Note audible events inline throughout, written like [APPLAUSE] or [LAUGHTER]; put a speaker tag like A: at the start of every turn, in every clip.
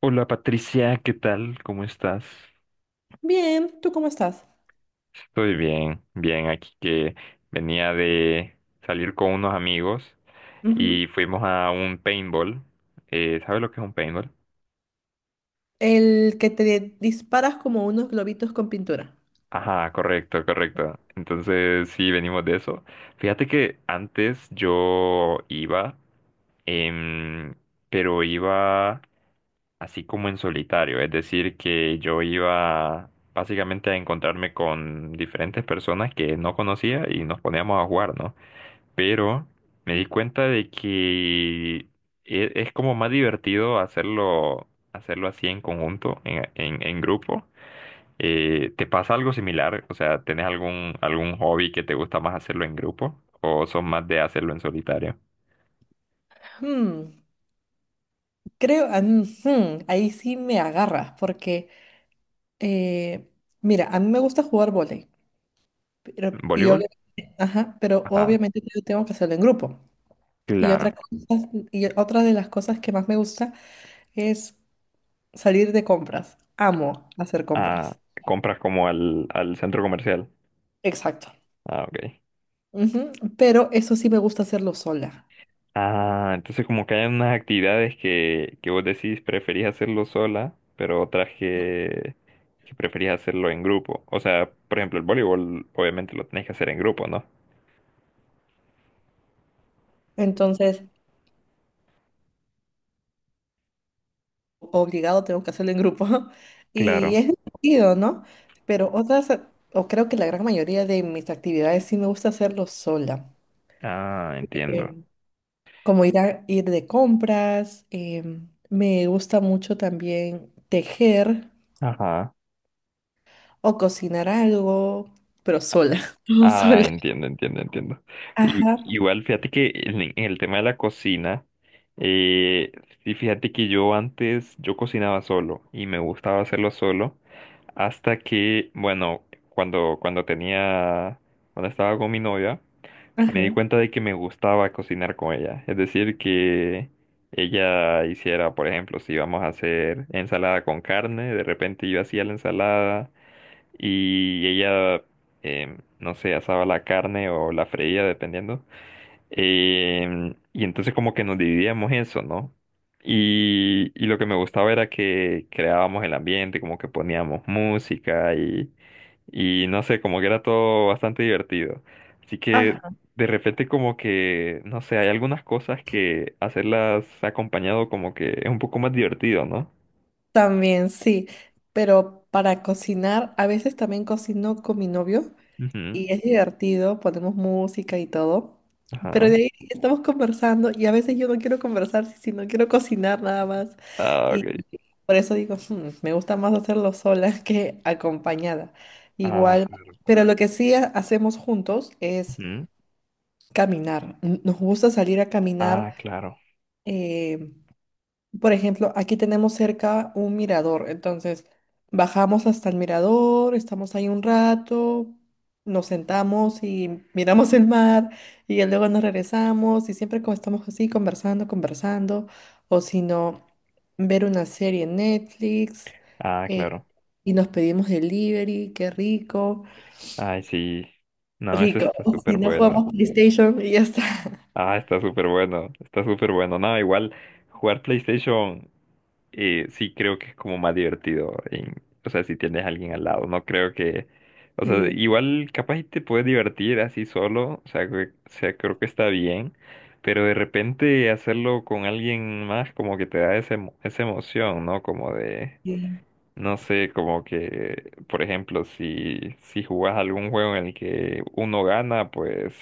A: Hola Patricia, ¿qué tal? ¿Cómo estás?
B: Bien, ¿tú cómo estás?
A: Estoy bien, bien, aquí que venía de salir con unos amigos
B: Ujú.
A: y fuimos a un paintball. ¿Sabes lo que es un paintball?
B: El que te disparas como unos globitos con pintura.
A: Ajá, correcto, correcto. Entonces sí, venimos de eso. Fíjate que antes yo iba, em, pero iba así como en solitario, es decir, que yo iba básicamente a encontrarme con diferentes personas que no conocía y nos poníamos a jugar, ¿no? Pero me di cuenta de que es como más divertido hacerlo, hacerlo así en conjunto, en grupo. ¿Te pasa algo similar? O sea, ¿tenés algún hobby que te gusta más hacerlo en grupo o son más de hacerlo en solitario?
B: Hmm, creo, ah, mm, hmm, ahí sí me agarras, porque, eh, mira, a mí me gusta jugar vóley, pero, y
A: ¿Voleibol?
B: obviamente, ajá, pero
A: Ajá,
B: obviamente yo tengo que hacerlo en grupo. Y otra
A: claro.
B: cosa- y otra de las cosas que más me gusta es salir de compras. Amo hacer
A: Ah,
B: compras.
A: compras como al centro comercial.
B: Exacto.
A: Ah, ok.
B: Ujú. Pero eso sí me gusta hacerlo sola.
A: Ah, entonces como que hay unas actividades que vos decís preferís hacerlo sola, pero otras que preferís hacerlo en grupo. O sea, por ejemplo, el voleibol obviamente lo tenés que hacer en grupo, ¿no?
B: Entonces, obligado tengo que hacerlo en grupo. [LAUGHS] Y
A: Claro.
B: es divertido, ¿no? Pero otras, o creo que la gran mayoría de mis actividades sí me gusta hacerlo sola.
A: Ah, entiendo.
B: Bien. Como ir de compras, me gusta mucho también tejer
A: Ajá.
B: o cocinar algo, pero sola. [LAUGHS] Todo
A: Ah,
B: sola.
A: entiendo, entiendo, entiendo.
B: Ajá,
A: Igual, fíjate que en el tema de la cocina, eh, sí, fíjate que yo antes, yo cocinaba solo y me gustaba hacerlo solo hasta que, bueno, cuando tenía, cuando estaba con mi novia, me di
B: ajá.
A: cuenta de que me gustaba cocinar con ella. Es decir, que ella hiciera, por ejemplo, si íbamos a hacer ensalada con carne, de repente yo hacía la ensalada y ella, no sé, asaba la carne o la freía, dependiendo. Y entonces como que nos dividíamos eso, ¿no? Y lo que me gustaba era que creábamos el ambiente, como que poníamos música y no sé, como que era todo bastante divertido. Así que
B: Ajá.
A: de repente como que, no sé, hay algunas cosas que hacerlas acompañado como que es un poco más divertido, ¿no?
B: También sí, pero para cocinar, a veces también cocino con mi novio.
A: Ujú.
B: Y es divertido, ponemos música y todo. Pero de
A: Ajá.
B: ahí estamos conversando y a veces yo no quiero conversar, si no quiero cocinar nada más.
A: Ah,
B: Y
A: ok.
B: por eso digo, "Hmm, me gusta más hacerlo sola [LAUGHS] que acompañada".
A: Ah,
B: Igual, pero lo que sí hacemos juntos es
A: claro.
B: caminar. Nos gusta salir a
A: Ah,
B: caminar,
A: claro.
B: eh, por ejemplo, aquí tenemos cerca un mirador, entonces bajamos hasta el mirador, estamos ahí un rato, nos sentamos y [LAUGHS] miramos el mar y ya luego nos regresamos y siempre como estamos así conversando, conversando, o si no, ver una serie en Netflix,
A: Ah,
B: eh,
A: claro.
B: y nos pedimos delivery, qué rico,
A: Ay, sí. No, eso
B: rico,
A: está
B: [LAUGHS] si
A: súper
B: no
A: bueno.
B: jugamos PlayStation y ya está. [LAUGHS]
A: Ah, está súper bueno. Está súper bueno. No, igual jugar PlayStation, sí creo que es como más divertido. O sea, si tienes a alguien al lado. No creo que... O sea,
B: Sí,
A: igual capaz y te puedes divertir así solo. O sea, o sea, creo que está bien. Pero de repente hacerlo con alguien más como que te da esa emoción, ¿no? Como de...
B: sí.
A: No sé, como que, por ejemplo, si jugás algún juego en el que uno gana, pues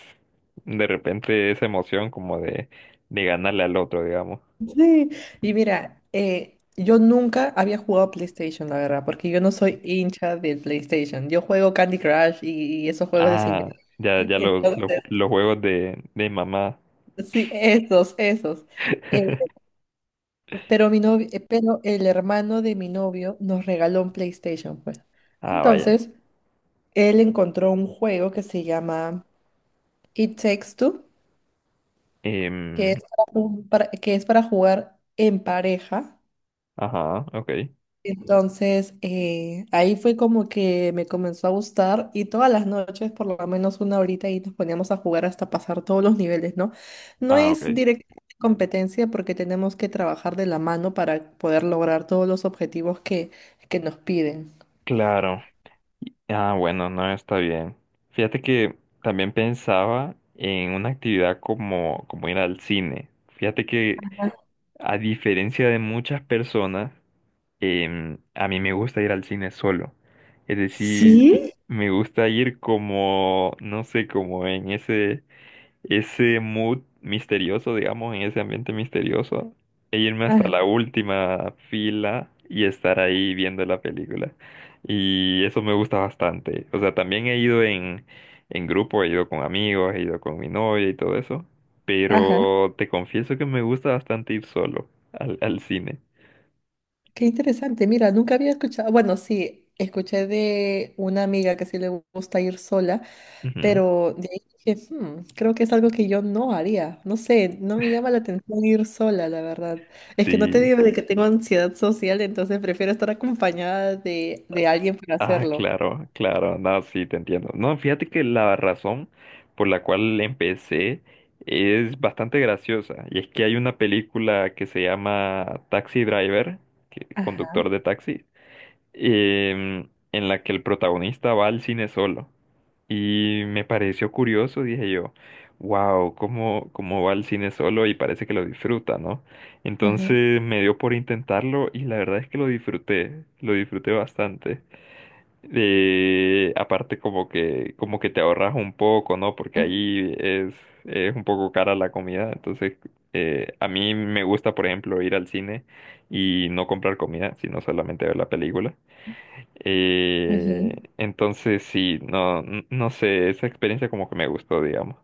A: de repente esa emoción como de ganarle al otro, digamos.
B: Sí, y mira, yo nunca había jugado PlayStation, la verdad, porque yo no soy hincha del PlayStation. Yo juego Candy Crush y esos juegos de señor.
A: Ah, ya, ya
B: Entonces,
A: los juegos de mamá.
B: sí, esos, esos. Eh, pero el hermano de mi novio nos regaló un PlayStation, pues.
A: Ah, vaya.
B: Entonces, él encontró un juego que se llama It Takes Two, que
A: Em,
B: es que es para jugar en pareja.
A: ajá, ok.
B: Entonces, ahí fue como que me comenzó a gustar y todas las noches, por lo menos una horita, y nos poníamos a jugar hasta pasar todos los niveles, ¿no? No
A: Ah,
B: es
A: ok.
B: directamente competencia porque tenemos que trabajar de la mano para poder lograr todos los objetivos que nos piden.
A: Claro. Ah, bueno, no está bien. Fíjate que también pensaba en una actividad como, como ir al cine. Fíjate que, a diferencia de muchas personas, a mí me gusta ir al cine solo. Es decir,
B: ¿Sí?
A: me gusta ir como, no sé, como en ese mood misterioso, digamos, en ese ambiente misterioso, e irme hasta
B: Ajá,
A: la última fila y estar ahí viendo la película. Y eso me gusta bastante. O sea, también he ido en grupo, he ido con amigos, he ido con mi novia y todo eso.
B: ajá,
A: Pero te confieso que me gusta bastante ir solo al cine.
B: qué interesante. Mira, nunca había escuchado, bueno, sí, escuché de una amiga que sí le gusta ir sola.
A: Ujú.
B: Pero de ahí dije, "Hmm, creo que es algo que yo no haría. No sé, no me llama la atención ir sola, la verdad. Es que no te
A: Sí.
B: digo de que tengo ansiedad social, entonces prefiero estar acompañada de alguien para
A: Ah,
B: hacerlo".
A: claro, claro, no, sí, te entiendo. No, fíjate que la razón por la cual empecé es bastante graciosa. Y es que hay una película que se llama Taxi Driver, conductor
B: Ajá,
A: de taxi, en la que el protagonista va al cine solo. Y me pareció curioso, dije yo, wow, ¿cómo va al cine solo? Y parece que lo disfruta, ¿no?
B: ajá,
A: Entonces me dio por intentarlo y la verdad es que lo disfruté bastante. Y aparte como que te ahorras un poco, ¿no? Porque
B: ajá.
A: ahí es un poco cara la comida. Entonces, a mí me gusta, por ejemplo, ir al cine y no comprar comida, sino solamente ver la película.
B: Ajá.
A: Entonces, sí, no, no sé, esa experiencia como que me gustó, digamos.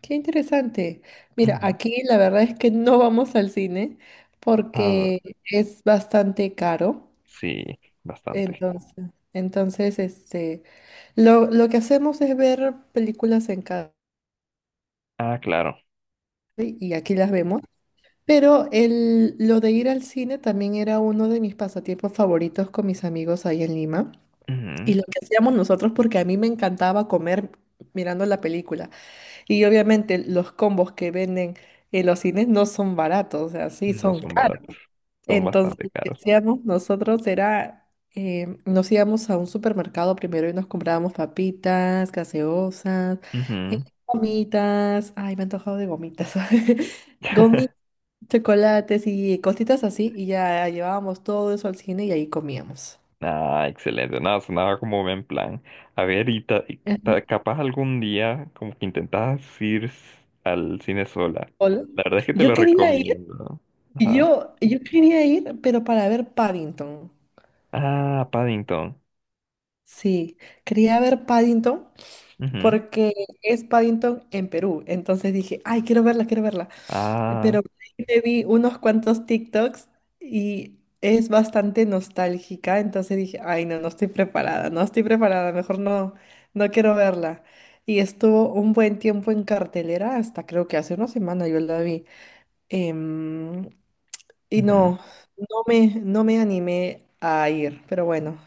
B: Qué interesante. Mira,
A: Ujú.
B: aquí la verdad es que no vamos al cine
A: Ah,
B: porque es bastante caro.
A: sí, bastante.
B: Entonces, entonces, lo que hacemos es ver películas en casa
A: Ah, claro.
B: y aquí las vemos. Pero lo de ir al cine también era uno de mis pasatiempos favoritos con mis amigos ahí en Lima. Y
A: Ujú.
B: lo que hacíamos nosotros, porque a mí me encantaba comer mirando la película. Y obviamente los combos que venden en los cines no son baratos, o sea, sí
A: No
B: son
A: son
B: caros.
A: baratos, son
B: Entonces,
A: bastante
B: lo que
A: caros.
B: hacíamos nosotros era, nos íbamos a un supermercado primero y nos comprábamos papitas, gaseosas, eh,
A: Ujú.
B: gomitas. Ay, me he antojado de gomitas. [LAUGHS] Gomitas, chocolates y cositas así, y ya llevábamos todo eso al cine y ahí comíamos.
A: Ah, excelente. Nada, sonaba como buen plan. A ver,
B: Ajá.
A: capaz algún día como que intentas ir al cine sola.
B: Hola.
A: La verdad es que te
B: Yo
A: lo
B: quería ir,
A: recomiendo. Ajá.
B: yo quería ir, pero para ver Paddington.
A: Ah, Paddington.
B: Sí, quería ver Paddington
A: Ujú.
B: porque es Paddington en Perú. Entonces dije, ay, quiero verla, quiero verla. Pero
A: Ah,
B: me vi unos cuantos TikToks y es bastante nostálgica, entonces dije, ay, no, no estoy preparada, no estoy preparada, mejor no, no quiero verla. Y estuvo un buen tiempo en cartelera, hasta creo que hace una semana yo la vi. Em, y
A: ujú.
B: no, no me animé a ir, pero bueno,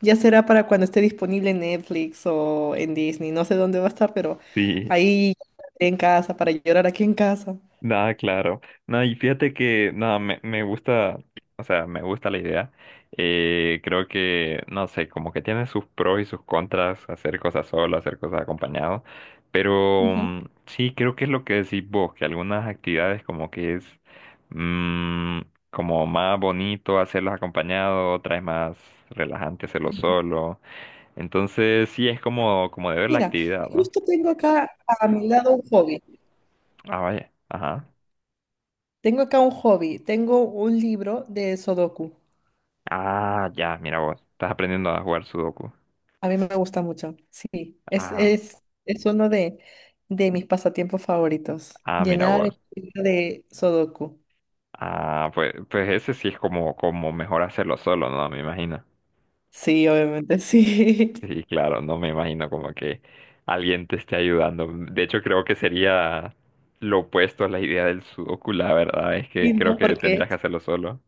B: ya será para cuando esté disponible en Netflix o en Disney, no sé dónde va a estar, pero
A: Sí.
B: ahí en casa, para llorar aquí en casa.
A: Nada, claro. No, y fíjate que nada, me gusta, o sea, me gusta la idea. Creo que, no sé, como que tiene sus pros y sus contras, hacer cosas solo, hacer cosas acompañado. Pero
B: Ujú.
A: sí, creo que es lo que decís vos, que algunas actividades como que es mm, como más bonito hacerlos acompañado, otras es más relajante hacerlo solo. Entonces sí es como, como de ver la
B: Mira,
A: actividad,
B: y
A: ¿va?
B: justo tengo acá a mi lado un hobby.
A: Ah, vaya. Ajá.
B: Tengo acá un hobby. Tengo un libro de Sudoku.
A: Ah, ya, mira vos. Estás aprendiendo a jugar Sudoku.
B: A mí me gusta mucho.
A: Ah,
B: Es uno de mis pasatiempos favoritos.
A: ah, mira
B: Llenar el
A: vos.
B: libro de Sudoku.
A: Ah, pues, pues ese sí es como, como mejor hacerlo solo, ¿no? Me imagino.
B: Sí, obviamente, sí. [LAUGHS]
A: Sí, claro, no me imagino como que alguien te esté ayudando. De hecho, creo que sería lo opuesto a la idea del Sudoku, la verdad. Es que
B: Sí,
A: creo
B: ¿no?
A: que
B: Porque,
A: tendrías que hacerlo solo.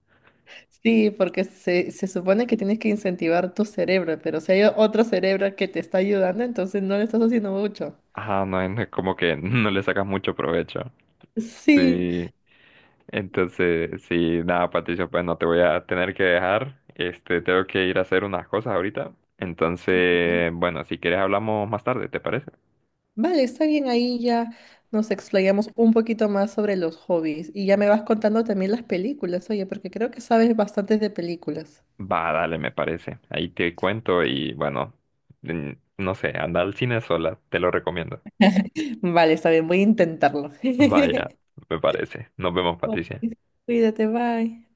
B: sí, porque se supone que tienes que incentivar tu cerebro, pero si hay otro cerebro que te está ayudando, entonces no le estás haciendo mucho.
A: Ah, no, es no es como que [LAUGHS] no le sacas mucho provecho.
B: Sí.
A: Sí. Entonces, sí, nada, Patricia, pues no te voy a tener que dejar. Este, tengo que ir a hacer unas cosas ahorita. Entonces, bueno, si quieres hablamos más tarde, ¿te parece?
B: Vale, está bien, ahí ya nos explayamos un poquito más sobre los hobbies y ya me vas contando también las películas, oye, porque creo que sabes bastantes de películas.
A: Va, dale, me parece. Ahí te cuento y bueno, mm, no sé, anda al cine sola, te lo recomiendo.
B: Vale, está bien, voy a intentarlo. [LAUGHS]
A: Vaya, me parece. Nos vemos,
B: Ok,
A: Patricia.
B: cuídate, bye.